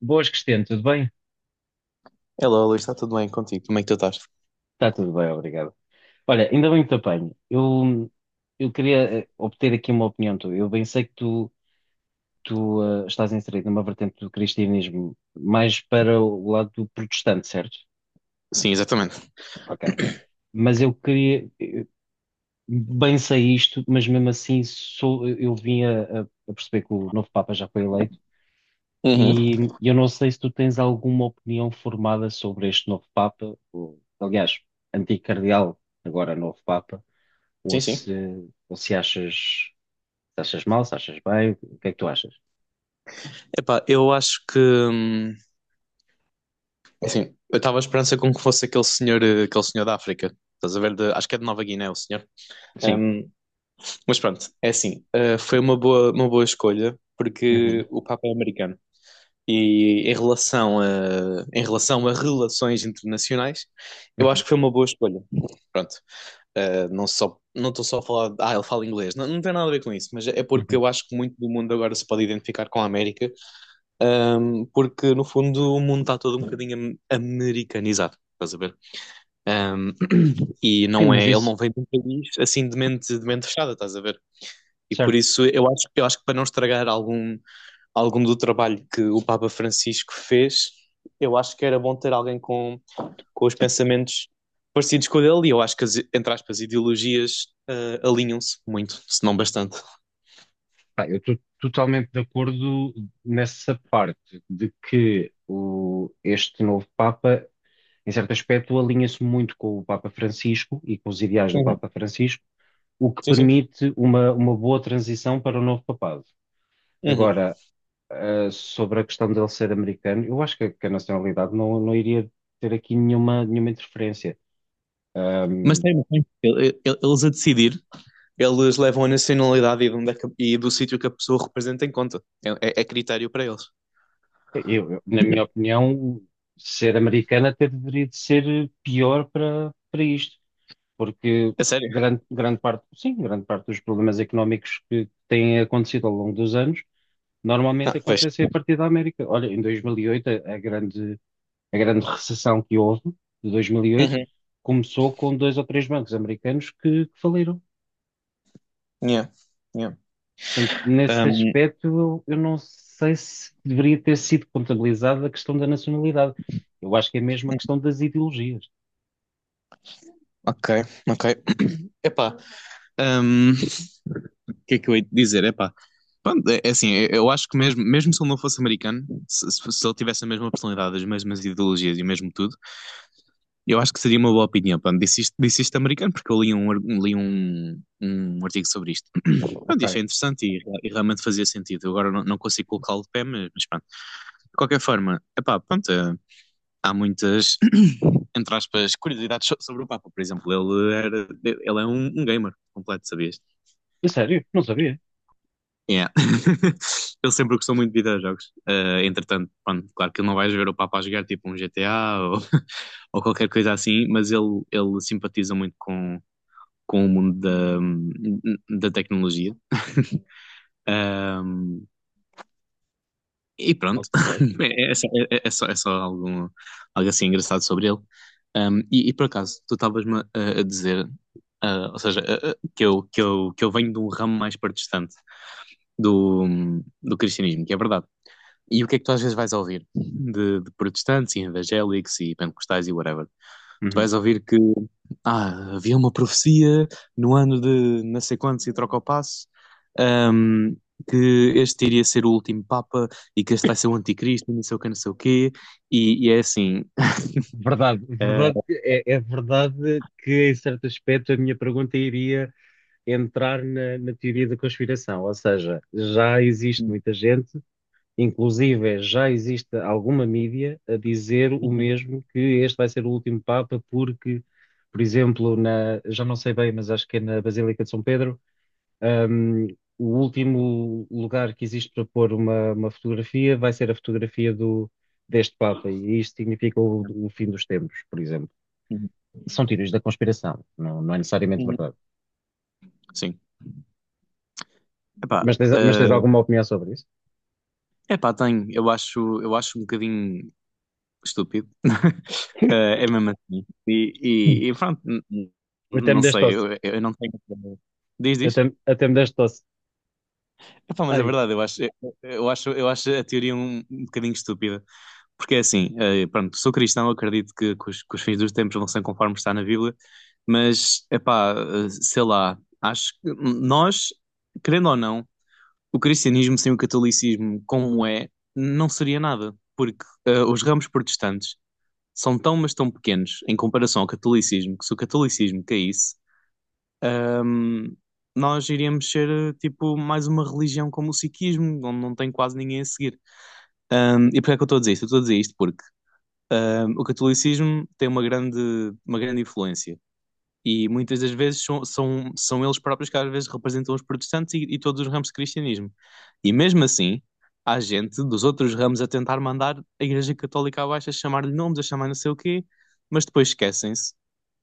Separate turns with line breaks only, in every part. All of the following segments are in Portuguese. Boas, Cristiano, tudo bem?
Hello, Luís, está tudo bem contigo? Como é que tu estás?
Está tudo bem, obrigado. Olha, ainda bem que te apanho. Eu queria obter aqui uma opinião tua. Eu bem sei que tu estás inserido numa vertente do cristianismo mais para o lado do protestante, certo?
Sim, exatamente.
Ok. Mas eu queria, bem sei isto, mas mesmo assim sou, eu vim a perceber que o novo Papa já foi eleito
Uhum.
e eu não sei se tu tens alguma opinião formada sobre este novo Papa, ou, aliás, antigo cardeal, agora novo Papa. Ou
Sim, sim.
se, ou se achas, se achas mal, se achas bem, o que é que tu achas?
Epá, eu acho que assim, eu estava à esperança com que fosse aquele senhor, aquele senhor da África. Estás a ver? De- acho que é de Nova Guiné, o senhor.
Sim.
Hum, mas pronto, é assim, foi uma boa escolha porque
Uhum,
o Papa é americano. E em relação a relações internacionais, eu acho
uhum,
que foi uma boa escolha. Pronto. Não só, não estou só a falar, de, ah, ele fala inglês, não, não tem nada a ver com isso, mas é porque
uhum.
eu acho que muito do mundo agora se pode identificar com a América, um, porque no fundo o mundo está todo um bocadinho americanizado, estás a ver? Um, e
Sim,
não é,
mas
ele
isso,
não vem de um país assim de mente fechada, estás a ver? E por
certo.
isso eu acho que para não estragar algum, algum do trabalho que o Papa Francisco fez, eu acho que era bom ter alguém com os pensamentos parecidos com o dele, e eu acho que as, entre aspas, ideologias ah, alinham-se muito, se não bastante.
Pá, eu estou totalmente de acordo nessa parte de que o, este novo Papa, em certo aspecto, alinha-se muito com o Papa Francisco e com os ideais do
Uhum.
Papa Francisco, o que
Sim, sim.
permite uma boa transição para o novo papado.
Uhum.
Agora, sobre a questão dele ser americano, eu acho que a nacionalidade não, não iria ter aqui nenhuma, nenhuma interferência.
Mas
Um,
tem, tem. Eles a decidir, eles levam a nacionalidade e, de onde é que- e do sítio que a pessoa representa em conta. É, é critério para eles.
eu, na minha opinião, ser americano até deveria de ser pior para, para isto, porque
É sério?
grande, grande parte, sim, grande parte dos problemas económicos que têm acontecido ao longo dos anos
Ah,
normalmente
pois.
acontecem a partir da América. Olha, em 2008, a grande recessão que houve, de 2008,
Uhum.
começou com dois ou três bancos americanos que faliram.
Yeah. Yeah.
Portanto, nesse
Um,
aspecto, eu não sei se deveria ter sido contabilizada a questão da nacionalidade. Eu acho que é mesmo a questão das ideologias.
ok, ok. Epá, um, que é que eu hei de dizer? Epá, pronto, é, é assim, eu acho que mesmo, mesmo se ele não fosse americano, se ele tivesse a mesma personalidade, as mesmas ideologias e o mesmo tudo, eu acho que seria uma boa opinião. Pronto, disse isto americano porque eu li um, li um, um artigo sobre isto. Pronto, e
Ok.
achei interessante e realmente fazia sentido. Eu agora não, não consigo colocá-lo de pé, mas pronto. De qualquer forma, epá, pronto, há muitas, entre aspas, curiosidades sobre o Papa. Por exemplo, ele, era, ele é um, um gamer completo, sabias?
É sério? Não sabia.
Yeah. Ele sempre gostou muito de videojogos. Eh, entretanto, pronto, claro que ele não vais ver o Papa a jogar tipo um GTA ou, ou qualquer coisa assim, mas ele simpatiza muito com o mundo da, da tecnologia. E pronto,
Ok.
é, é só, é só, é só algo, algo assim engraçado sobre ele. Um, e por acaso, tu estavas-me a dizer, ah, ou seja, que eu venho de um ramo mais partistante do, do cristianismo, que é verdade. E o que é que tu às vezes vais ouvir? De protestantes e evangélicos e pentecostais e whatever. Tu
Uhum.
vais ouvir que ah, havia uma profecia no ano de não sei quantos e troca o passo, ahm, que este iria ser o último Papa e que este vai ser o anticristo, e não sei o que, não sei o quê. E é assim,
Verdade,
uh,
verdade, é, é verdade que em certo aspecto a minha pergunta iria entrar na, na teoria da conspiração, ou seja, já existe muita gente. Inclusive, já existe alguma mídia a dizer o
uhum,
mesmo, que este vai ser o último Papa, porque, por exemplo, na, já não sei bem, mas acho que é na Basílica de São Pedro, hum, o último lugar que existe para pôr uma fotografia vai ser a fotografia do, deste Papa, e isto significa o fim dos tempos, por exemplo.
uhum,
São teorias da conspiração, não, não é necessariamente
uhum.
verdade.
Sim. Epá,
Mas tens alguma opinião sobre isso?
epá, tenho. Eu acho um bocadinho estúpido. Eh, é mesmo assim.
Hum.
E pronto,
Até me
não
deste
sei,
tosse.
eu não tenho. Diz,
Até,
diz.
até me deste tosse.
Epá, mas é
Ai.
verdade, eu acho a teoria um, um bocadinho estúpida. Porque é assim, pronto, sou cristão, acredito que os fins dos tempos vão ser conforme está na Bíblia, mas, epá, eh, sei lá, acho que nós, querendo ou não, o cristianismo sem o catolicismo, como é, não seria nada, porque os ramos protestantes são tão, mas tão pequenos em comparação ao catolicismo, que se o catolicismo caísse, hum, nós iríamos ser tipo mais uma religião como o sikhismo, onde não tem quase ninguém a seguir. E porquê é que eu estou a dizer isto? Eu estou a dizer isto porque o catolicismo tem uma grande influência. E muitas das vezes são, são, são eles próprios que às vezes representam os protestantes e todos os ramos de cristianismo. E mesmo assim, há gente dos outros ramos a tentar mandar a Igreja Católica abaixo, a chamar-lhe nomes, a chamar não sei o quê, mas depois esquecem-se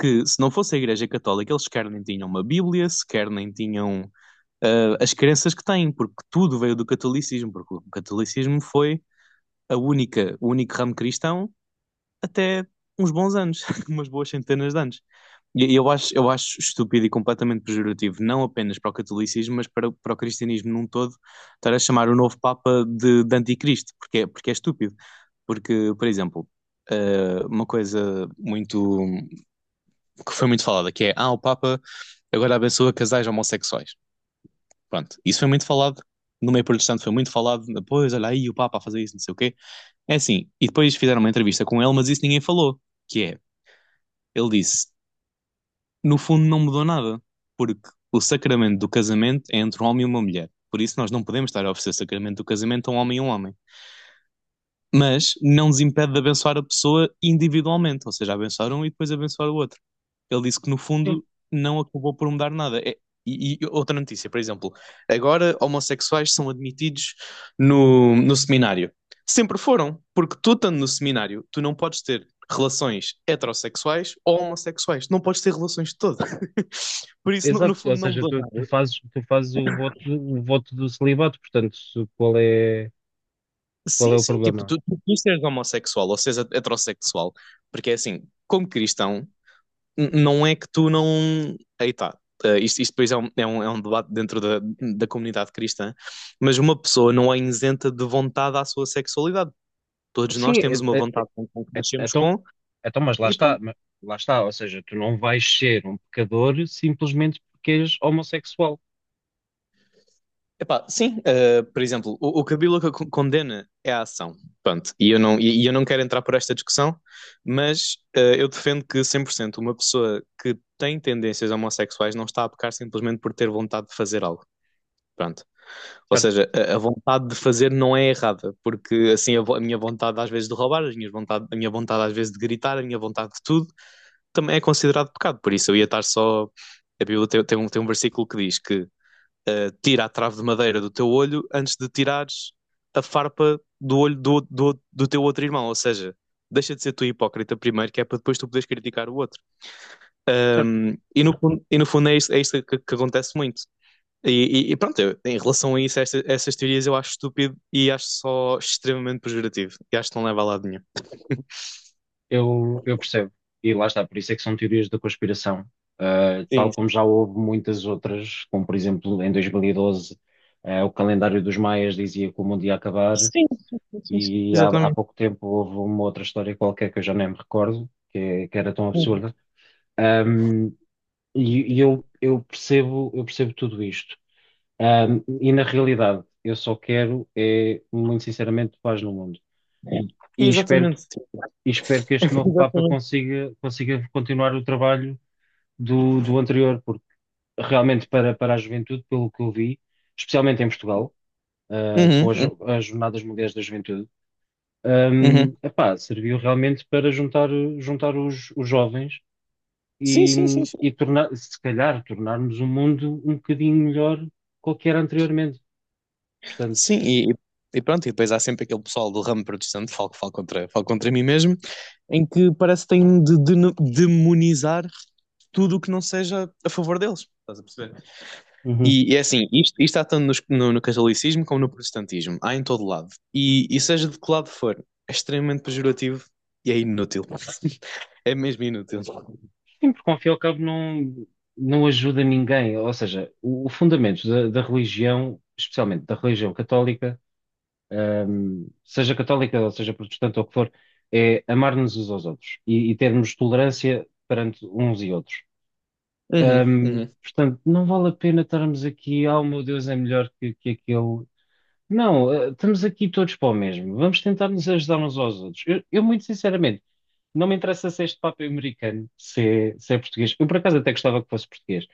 que se não fosse a Igreja Católica, eles sequer nem tinham uma Bíblia, sequer nem tinham ah, as crenças que têm, porque tudo veio do catolicismo, porque o catolicismo foi a única, o único ramo cristão até uns bons anos, umas boas centenas de anos. E eu acho estúpido e completamente pejorativo, não apenas para o catolicismo, mas para, para o cristianismo num todo, estar a chamar o novo Papa de anticristo, porque é estúpido. Porque, por exemplo, uma coisa muito que foi muito falada, que é, ah, o Papa agora abençoa casais homossexuais. Pronto, isso foi muito falado, no meio protestante foi muito falado, depois, olha aí o Papa a fazer isso, não sei o quê. É assim, e depois fizeram uma entrevista com ele, mas isso ninguém falou, que é, ele disse, no fundo, não mudou nada, porque o sacramento do casamento é entre um homem e uma mulher. Por isso, nós não podemos estar a oferecer o sacramento do casamento a um homem e um homem. Mas não nos impede de abençoar a pessoa individualmente, ou seja, abençoar um e depois abençoar o outro. Ele disse que no fundo não acabou por mudar nada. E, e outra notícia, por exemplo, agora homossexuais são admitidos no, no seminário. Sempre foram, porque tu estando no seminário, tu não podes ter relações heterossexuais ou homossexuais, não podes ter relações de todas. Por isso, no, no
Exato, ou
fundo, não
seja,
mudou
tu,
nada.
tu fazes o voto do celibato, portanto, se- qual é
Sim,
o
sim, tipo,
problema?
tu seres homossexual ou seres heterossexual, porque é assim, como cristão, não é que tu não. Aí tá. Eh, isto depois é um, é um debate dentro da, da comunidade cristã, mas uma pessoa não é isenta de vontade à sua sexualidade. Todos
Sim,
nós temos uma
é- é-
vontade com que
é-
nascemos
então,
com,
então,
e pronto.
mas lá está, ou seja, tu não vais ser um pecador simplesmente porque és homossexual,
Epá, sim, por exemplo, o que a Bíblia condena é a ação. Pronto, e eu não quero entrar por esta discussão, mas eu defendo que 100% uma pessoa que tem tendências homossexuais não está a pecar simplesmente por ter vontade de fazer algo. Pronto. Ou
certo?
seja, a vontade de fazer não é errada, porque assim a, a minha vontade às vezes de roubar, as minhas vontade, a minha vontade às vezes de gritar, a minha vontade de tudo, também é considerado pecado. Por isso eu ia estar só. A Bíblia tem, tem um versículo que diz que tira a trave de madeira do teu olho antes de tirares a farpa do olho do, do, do teu outro irmão. Ou seja, deixa de ser tu hipócrita primeiro, que é para depois tu poderes criticar o outro.
Certo.
E, e no fundo é isso, é isso que acontece muito. E, e pronto, em relação a isso, essas teorias eu acho estúpido e acho só extremamente pejorativo. E acho que não leva a lado nenhum.
Eu percebo. E lá está, por isso é que são teorias da conspiração. Ah, tal
Sim,
como já houve muitas outras, como por exemplo em 2012, ah, o calendário dos maias dizia que o mundo ia acabar.
sim, sim, sim, sim, sim.
E há, há
Exatamente.
pouco tempo houve uma outra história qualquer que eu já nem me recordo, que, é- que era tão
Sim.
absurda. Ahm, e eu percebo, eu percebo tudo isto. E na realidade, eu só quero, é, muito sinceramente, paz no mundo. E espero,
Exatamente, sim.
e espero que este novo Papa
Exatamente.
consiga, consiga continuar o trabalho do, do anterior, porque realmente para, para a juventude, pelo que eu vi, especialmente em Portugal, ah, com
Uhum,
as,
uhum.
as Jornadas Mundiais da Juventude.
Uhum.
Epá, serviu realmente para juntar, juntar os jovens
Sim,
e,
sim, sim, sim.
e tornar, se calhar tornarmos o mundo um bocadinho melhor do que era anteriormente. Portanto,
Sim, e, e pronto, e depois há sempre aquele pessoal do ramo protestante, falo, falo contra mim mesmo, em que parece que têm de, demonizar tudo o que não seja a favor deles. Estás a perceber?
uhum.
E, é assim, isto há tanto no, no catolicismo como no protestantismo, há em todo lado. E seja de que lado for, é extremamente pejorativo e é inútil. É mesmo inútil.
Sim, porque ao fim e ao cabo não, não ajuda ninguém. Ou seja, o fundamento da, da religião, especialmente da religião católica, seja católica ou seja protestante ou o que for, é amar-nos uns aos outros e termos tolerância perante uns e outros.
Uhum, uhum.
Portanto, não vale a pena estarmos aqui, oh meu Deus, é melhor que aquele. Não, estamos aqui todos para o mesmo. Vamos tentar nos ajudar uns aos outros. Eu, muito sinceramente, não me interessa se este Papa é americano, se é, se é português. Eu, por acaso, até gostava que fosse português.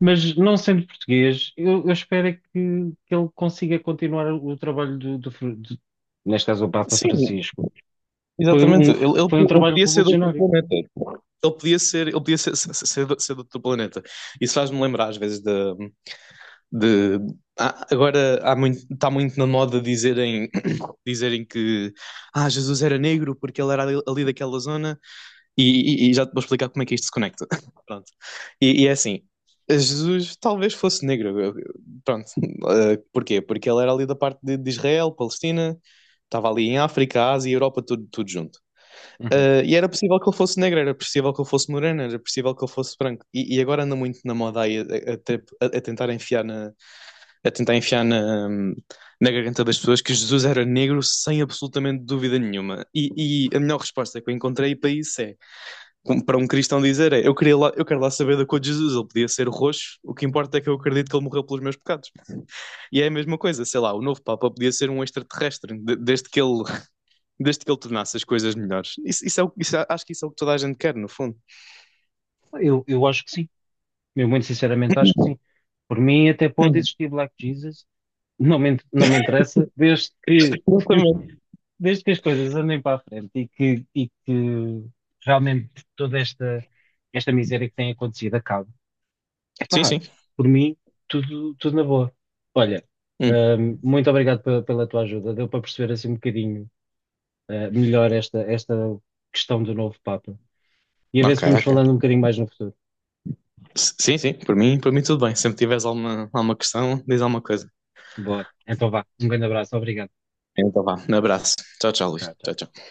Mas, não sendo português, eu espero é que ele consiga continuar o trabalho do, do Fr- do- neste caso, o Papa
Sim,
Francisco. Foi
exatamente,
um,
ele, ele,
foi um
ele
trabalho
podia ser de outro
revolucionário.
planeta. Ele podia ser, de ser de outro planeta. Isso faz-me lembrar às vezes de agora há muito, está muito na moda dizerem, dizerem que ah, Jesus era negro porque ele era ali, ali daquela zona e, e já te vou explicar como é que isto se conecta. Pronto. E é assim, Jesus talvez fosse negro. Pronto. Eh, porquê? Porque ele era ali da parte de Israel, Palestina, estava ali em África, Ásia e Europa, tudo, tudo junto.
Uhum.
Ah, e era possível que ele fosse negro, era possível que ele fosse moreno, era possível que ele fosse branco. E agora anda muito na moda aí a, a tentar enfiar na, a tentar enfiar na, na garganta das pessoas que Jesus era negro sem absolutamente dúvida nenhuma. E a melhor resposta que eu encontrei para isso é, como para um cristão dizer, é, eu queria lá, eu quero lá saber da cor de Jesus, ele podia ser roxo, o que importa é que eu acredito que ele morreu pelos meus pecados. E é a mesma coisa, sei lá, o novo Papa podia ser um extraterrestre, desde que ele tornasse as coisas melhores. Isso é o, acho que isso é o que toda a gente quer, no fundo.
Eu acho que sim. Eu muito sinceramente acho que sim. Por mim até pode
Hum,
existir Black Jesus, não me, in- não me interessa, desde que,
Exatamente.
desde que as coisas andem para a frente e que realmente toda esta, esta miséria que tem acontecido acabe.
Sim,
Epá,
sim.
por mim, tudo, tudo na boa. Olha,
Hum,
muito obrigado pe- pela, tua ajuda, deu para perceber assim um bocadinho, eh, melhor esta, esta questão do novo Papa. E a ver
ok,
se vamos
ok.
falando um bocadinho mais no futuro.
Sim, sim, por mim tudo bem. Sempre tiveres alguma, alguma questão, diz alguma coisa.
Boa, então vá, um grande abraço, obrigado.
Então vá, um abraço. Tchau, tchau, Luís.
Tchau,
Tchau,
tchau.
tchau.